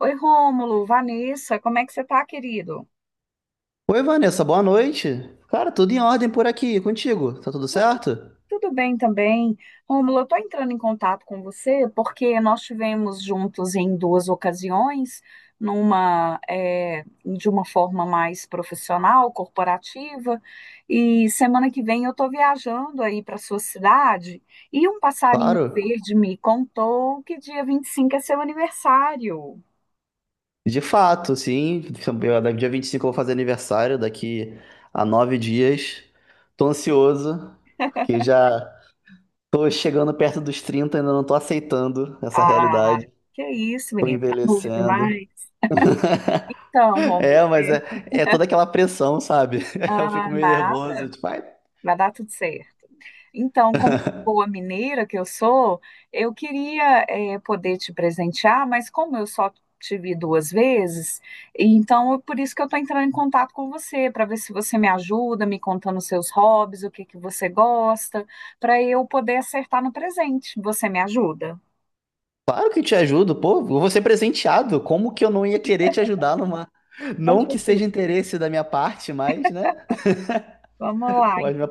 Oi, Rômulo, Vanessa, como é que você tá, querido? Oi, Vanessa, boa noite. Cara, tudo em ordem por aqui, contigo? Tá tudo certo? Tudo bem também. Rômulo, eu tô entrando em contato com você porque nós tivemos juntos em duas ocasiões, numa, de uma forma mais profissional, corporativa, e semana que vem eu tô viajando aí para sua cidade e um passarinho Claro. verde me contou que dia 25 é seu aniversário. De fato, sim. Dia 25 eu vou fazer aniversário, daqui a 9 dias. Tô ansioso, porque já tô chegando perto dos trinta, ainda não tô aceitando essa Ah, realidade. que isso, Tô menino, tá novo envelhecendo. demais. Então, É, Rômulo, mas é, é, é toda aquela pressão, sabe? Eu ah, fico meio nada. nervoso, tipo, ai. Vai dar tudo certo. Então, como boa mineira que eu sou, eu queria poder te presentear, mas como eu só te vi duas vezes, então é por isso que eu estou entrando em contato com você, para ver se você me ajuda, me contando os seus hobbies, o que que você gosta, para eu poder acertar no presente. Você me ajuda? Claro que te ajudo, pô, eu vou ser presenteado. Como que eu não ia querer te ajudar numa. Não Conte que tudo. seja interesse da minha parte, mas, né? Vamos lá. Mas minha-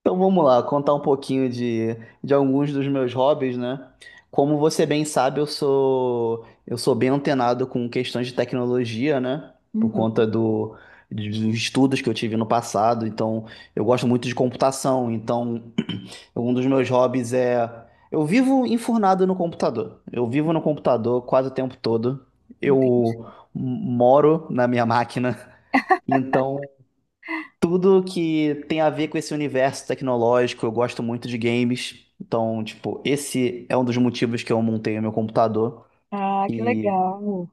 Então vamos lá, contar um pouquinho de alguns dos meus hobbies, né? Como você bem sabe, eu sou bem antenado com questões de tecnologia, né? Por Uhum, conta do, dos estudos que eu tive no passado. Então, eu gosto muito de computação. Então, um dos meus hobbies é. Eu vivo enfurnado no computador. Eu vivo no computador quase o tempo todo. Eu entendi. moro na minha máquina. Então, tudo que tem a ver com esse universo tecnológico, eu gosto muito de games. Então, tipo, esse é um dos motivos que eu montei o meu computador. Ah, que E legal.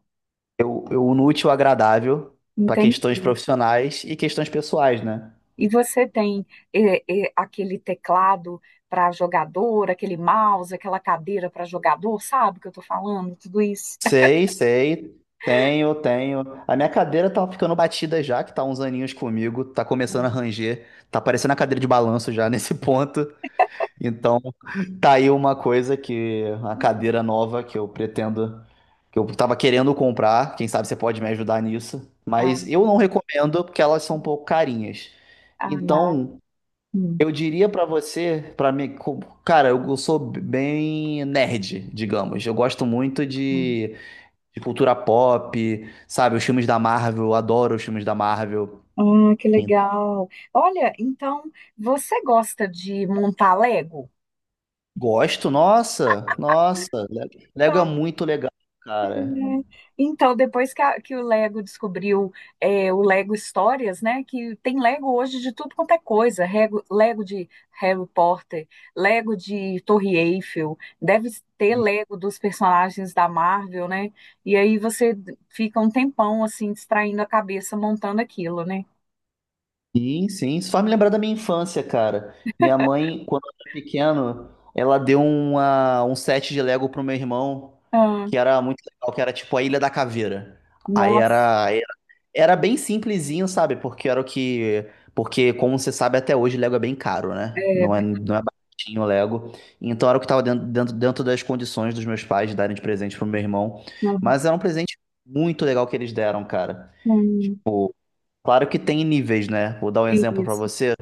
eu uno o útil ao agradável para Entendi. questões profissionais e questões pessoais, né? E você tem aquele teclado para jogador, aquele mouse, aquela cadeira para jogador, sabe o que eu estou falando? Tudo isso. Sei, sei. Tenho, tenho. A minha cadeira tá ficando batida já, que tá uns aninhos comigo, tá começando a Sim. ranger, tá parecendo a cadeira de balanço já nesse ponto. Então, tá aí uma coisa que a cadeira nova que eu pretendo, que eu tava querendo comprar, quem sabe você pode me ajudar nisso, Ah, mas eu não recomendo porque elas são um pouco carinhas. ah, Então, hum, eu diria pra você, pra mim, cara, eu sou bem nerd, digamos. Eu gosto muito hum. De cultura pop, sabe? Os filmes da Marvel, eu adoro os filmes da Marvel. Ah, que Então, legal. Olha, então você gosta de montar Lego? gosto, nossa, nossa. Lego é muito legal, É. cara. Então, depois que, que o Lego descobriu é, o Lego Histórias, né? Que tem Lego hoje de tudo quanto é coisa. Lego de Harry Potter, Lego de Torre Eiffel, deve ter Lego dos personagens da Marvel, né? E aí você fica um tempão assim, distraindo a cabeça, montando aquilo, né? Sim, sim. Isso faz me lembrar da minha infância, cara. Minha mãe, quando eu era pequeno, ela deu um set de Lego pro meu irmão, Ah, que era muito legal, que era tipo a Ilha da Caveira. Aí nossa, era Era bem simplesinho, sabe? Porque era o que. Porque, como você sabe, até hoje Lego é bem caro, né? É, Não é baratinho o Lego. Então era o que estava dentro das condições dos meus pais de darem de presente pro meu irmão. hum, Mas era um presente muito legal que eles deram, cara. hum, Tipo, claro que tem níveis, né? Vou dar um exemplo pra isso, você.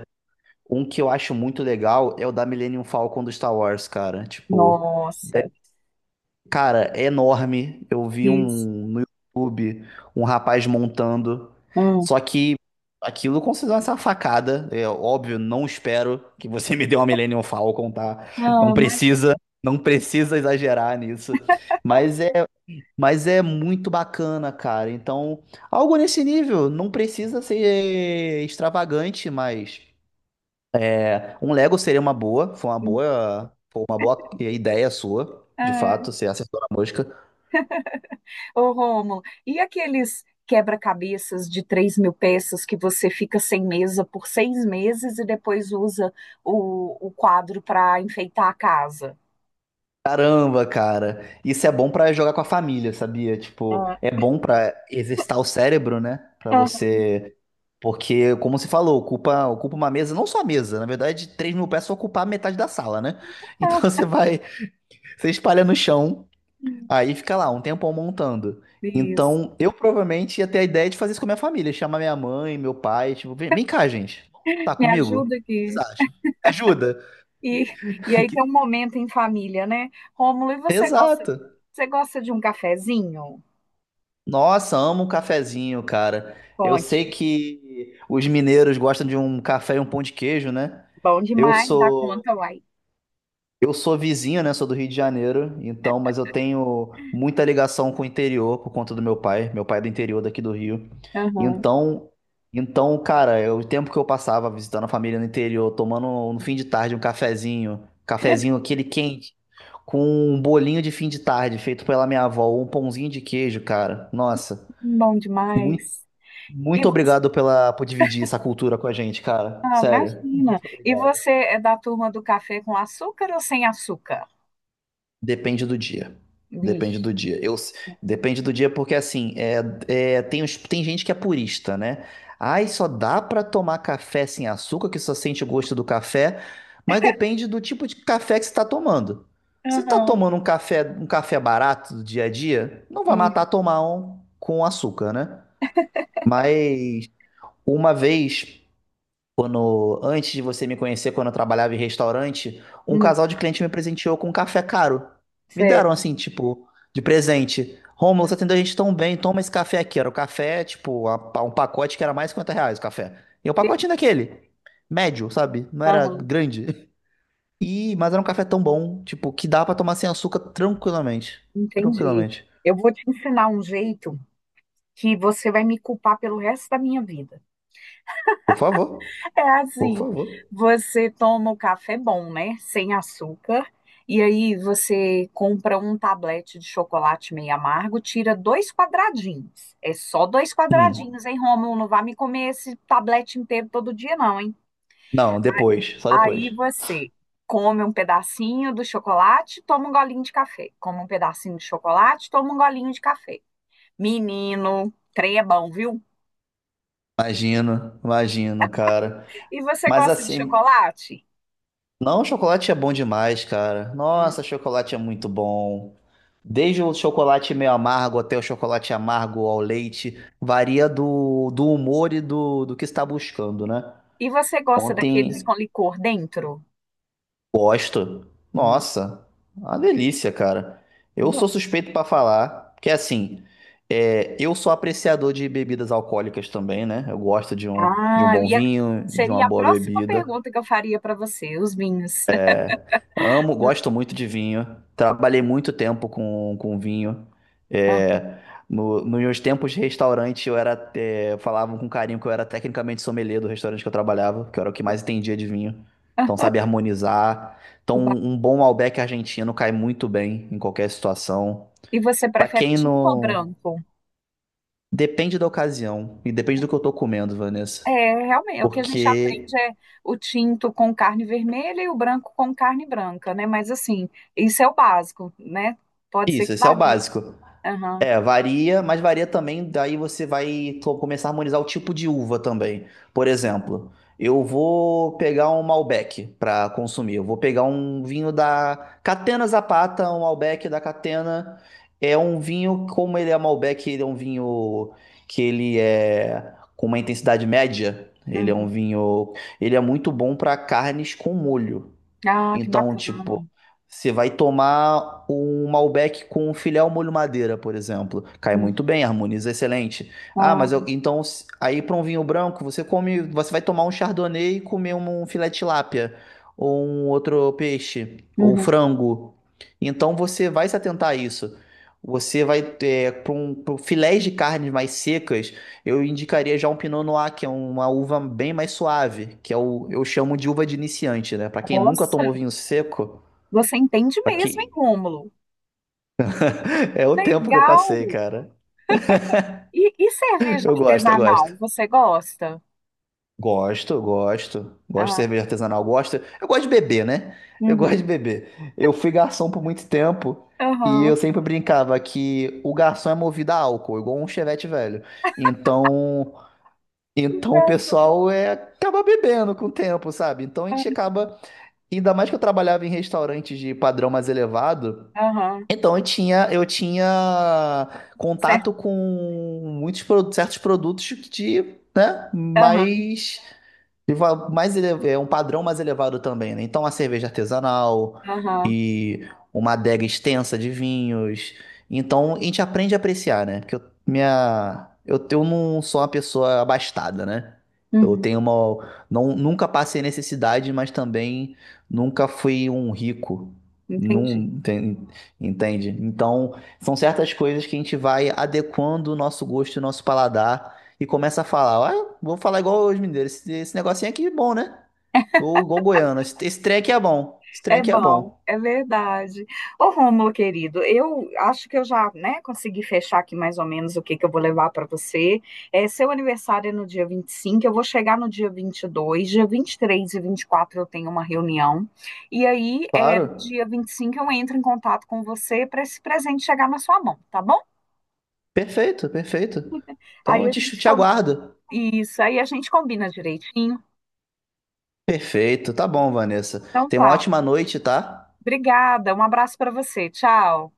Um que eu acho muito legal é o da Millennium Falcon do Star Wars, cara. Tipo, nossa, cara, é enorme. Eu vi isso. um no YouTube, um rapaz montando. Hum. Só que aquilo considera uma facada. É óbvio, não espero que você me dê uma Millennium Falcon, tá? Não Ah, precisa, não precisa exagerar nisso. Mas é, mas é muito bacana, cara. Então, algo nesse nível, não precisa ser extravagante, mas é, um Lego seria uma boa, foi uma imagina. boa, foi uma boa ideia sua, de fato, ser acertou na mosca. Ô, Rômulo, e aqueles quebra-cabeças de 3.000 peças que você fica sem mesa por 6 meses e depois usa o quadro para enfeitar a casa? Caramba, cara. Isso é bom pra jogar com a família, sabia? Tipo, Ah, é bom pra exercitar o cérebro, né? Pra ah, você. Porque, como você falou, ocupa uma mesa, não só a mesa, na verdade, 3.000 peças ocupar metade da sala, né? Então você vai, você espalha no chão, aí fica lá um tempão montando. isso. Então, eu provavelmente ia ter a ideia de fazer isso com a minha família, chamar minha mãe, meu pai, tipo, vem, vem cá, gente, tá Me comigo? O ajuda que vocês aqui. acham? Ajuda? E, e aí tem um Que- momento em família, né? Rômulo, e exato. você gosta de um cafezinho? Nossa, amo um cafezinho, cara. Eu Conte. sei que os mineiros gostam de um café e um pão de queijo, né? Bom Eu demais, dá sou conta, uai. eu sou vizinho, né? Sou do Rio de Janeiro, então, mas eu tenho muita ligação com o interior por conta do meu pai. Meu pai é do interior daqui do Rio. Aham, Então, então, cara, eu- o tempo que eu passava visitando a família no interior, tomando no fim de tarde um cafezinho, cafezinho aquele quente, com um bolinho de fim de tarde feito pela minha avó, ou um pãozinho de queijo, cara. Nossa. bom demais. Muito obrigado pela, por dividir essa cultura com a gente, cara. Ah, Sério, imagina. muito E obrigado. você é da turma do café com açúcar ou sem açúcar? Depende do dia. Depende Vixe. do dia. Eu, depende do dia porque, assim, tem, tem gente que é purista, né? Ai, só dá pra tomar café sem açúcar, que só sente o gosto do café. Mas depende do tipo de café que você tá tomando. Se você tá Aham. tomando um café barato do dia a dia, não vai E, matar tomar um com açúcar, né? Mas uma vez. Quando, antes de você me conhecer, quando eu trabalhava em restaurante, um hum, casal de cliente me presenteou com um café caro. Me certo. deram assim, tipo, de presente. Rômulo, você atendeu a gente tão bem, toma esse café aqui. Era o café, tipo, um pacote que era mais de R$ 50 o café. E o Que- pacotinho daquele, médio, sabe? Não era Aham, grande. E, mas era um café tão bom, tipo, que dá pra tomar sem açúcar tranquilamente. entendi. Tranquilamente. Eu vou te ensinar um jeito que você vai me culpar pelo resto da minha vida. Por favor, É por assim, favor. você toma o café bom, né? Sem açúcar. E aí você compra um tablete de chocolate meio amargo, tira dois quadradinhos. É só dois Hum. quadradinhos, hein, Rômulo? Não vai me comer esse tablete inteiro todo dia, não, hein? Não, depois, só Aí depois. você come um pedacinho do chocolate, toma um golinho de café. Come um pedacinho de chocolate, toma um golinho de café. Menino, trem é bom, viu? Imagino, imagino, cara. E você Mas gosta de assim, chocolate? não, chocolate é bom demais, cara. Hum. Nossa, chocolate é muito bom. Desde o chocolate meio amargo até o chocolate amargo ao leite, varia do humor e do que está buscando, né? E você gosta daqueles Ontem, com licor dentro? gosto. Hum, Nossa, uma delícia, cara. Eu bom. sou suspeito pra falar, porque assim, é, eu sou apreciador de bebidas alcoólicas também, né? Eu gosto de um Ah, eu bom vinho, de uma seria a boa próxima bebida. pergunta que eu faria para você, os vinhos. Amo, gosto muito de vinho. Trabalhei muito tempo com vinho. Ah, É, nos meus tempos de restaurante, eu era, é, falavam com carinho que eu era tecnicamente sommelier do restaurante que eu trabalhava, que eu era o que mais entendia de vinho. Então, ah, sabe harmonizar. Então, que ba- um bom Malbec argentino cai muito bem em qualquer situação. E você Pra prefere quem tinto ou não. branco? Depende da ocasião e depende do que eu tô comendo, Vanessa. É, realmente, o que a gente Porque. aprende é o tinto com carne vermelha e o branco com carne branca, né? Mas assim, isso é o básico, né? Pode ser Isso, que esse é o varie. básico. Aham, É, varia, mas varia também, daí você vai começar a harmonizar o tipo de uva também. Por exemplo, eu vou pegar um Malbec para consumir, eu vou pegar um vinho da Catena Zapata, um Malbec da Catena. É um vinho, como ele é Malbec, ele é um vinho que ele é com uma intensidade média. Ele é um uhum. vinho, ele é muito bom para carnes com molho. Ah, que Então, bacana. tipo, você vai tomar um Malbec com um filé ao molho madeira, por exemplo. Cai Uhum. muito bem, harmoniza excelente. Ah, Ah, mas eu, então, aí para um vinho branco, você come, você vai tomar um Chardonnay e comer um filé de tilápia, ou um outro peixe, ou uhum. frango. Então, você vai se atentar a isso. Você vai ter pra um filés de carnes mais secas, eu indicaria já um Pinot Noir, que é uma uva bem mais suave, que é o, eu chamo de uva de iniciante, né? Pra quem nunca Nossa, tomou vinho seco, você entende pra mesmo, hein, quem... Rômulo? é o tempo que eu Legal! passei, cara. E cerveja Eu artesanal, gosto. você gosta? Gosto, gosto. Gosto de Ah, cerveja artesanal, gosto. Eu gosto de beber, né? Eu gosto de uhum. beber. Eu fui garçom por muito tempo e eu Aham. sempre brincava que o garçom é movido a álcool, igual um chevette velho. Então, Que então o graça. pessoal é acaba bebendo com o tempo, sabe? Então a gente acaba ainda mais que eu trabalhava em restaurantes de padrão mais elevado, Aham, então eu tinha certo. contato com muitos certos produtos né, Aham, mais é um padrão mais elevado também, né? Então, a cerveja artesanal aham. e uma adega extensa de vinhos. Então, a gente aprende a apreciar, né? Porque eu não sou uma pessoa abastada, né? Eu Uhum. tenho uma. Não, nunca passei necessidade, mas também nunca fui um rico. Entendi. Não, tem- entende? Então, são certas coisas que a gente vai adequando o nosso gosto e o nosso paladar e começa a falar, ah, vou falar igual os mineiros, esse negocinho aqui é bom, né? Ou igual goiano, esse trem aqui é bom, esse trem É aqui é bom, bom. é verdade. Ô, Rômulo, querido, eu acho que eu já, né, consegui fechar aqui mais ou menos o que que eu vou levar para você. É, seu aniversário é no dia 25. Eu vou chegar no dia 22, dia 23 e 24 eu tenho uma reunião. E aí, é, no Claro, dia 25 eu entro em contato com você para esse presente chegar na sua mão, tá bom? perfeito, perfeito. Então Aí eu a gente, te com- aguardo. isso, aí a gente combina direitinho. Perfeito, tá bom, Vanessa. Então Tenha uma tá. ótima noite, tá? Obrigada, um abraço para você. Tchau.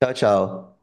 Tchau, tchau.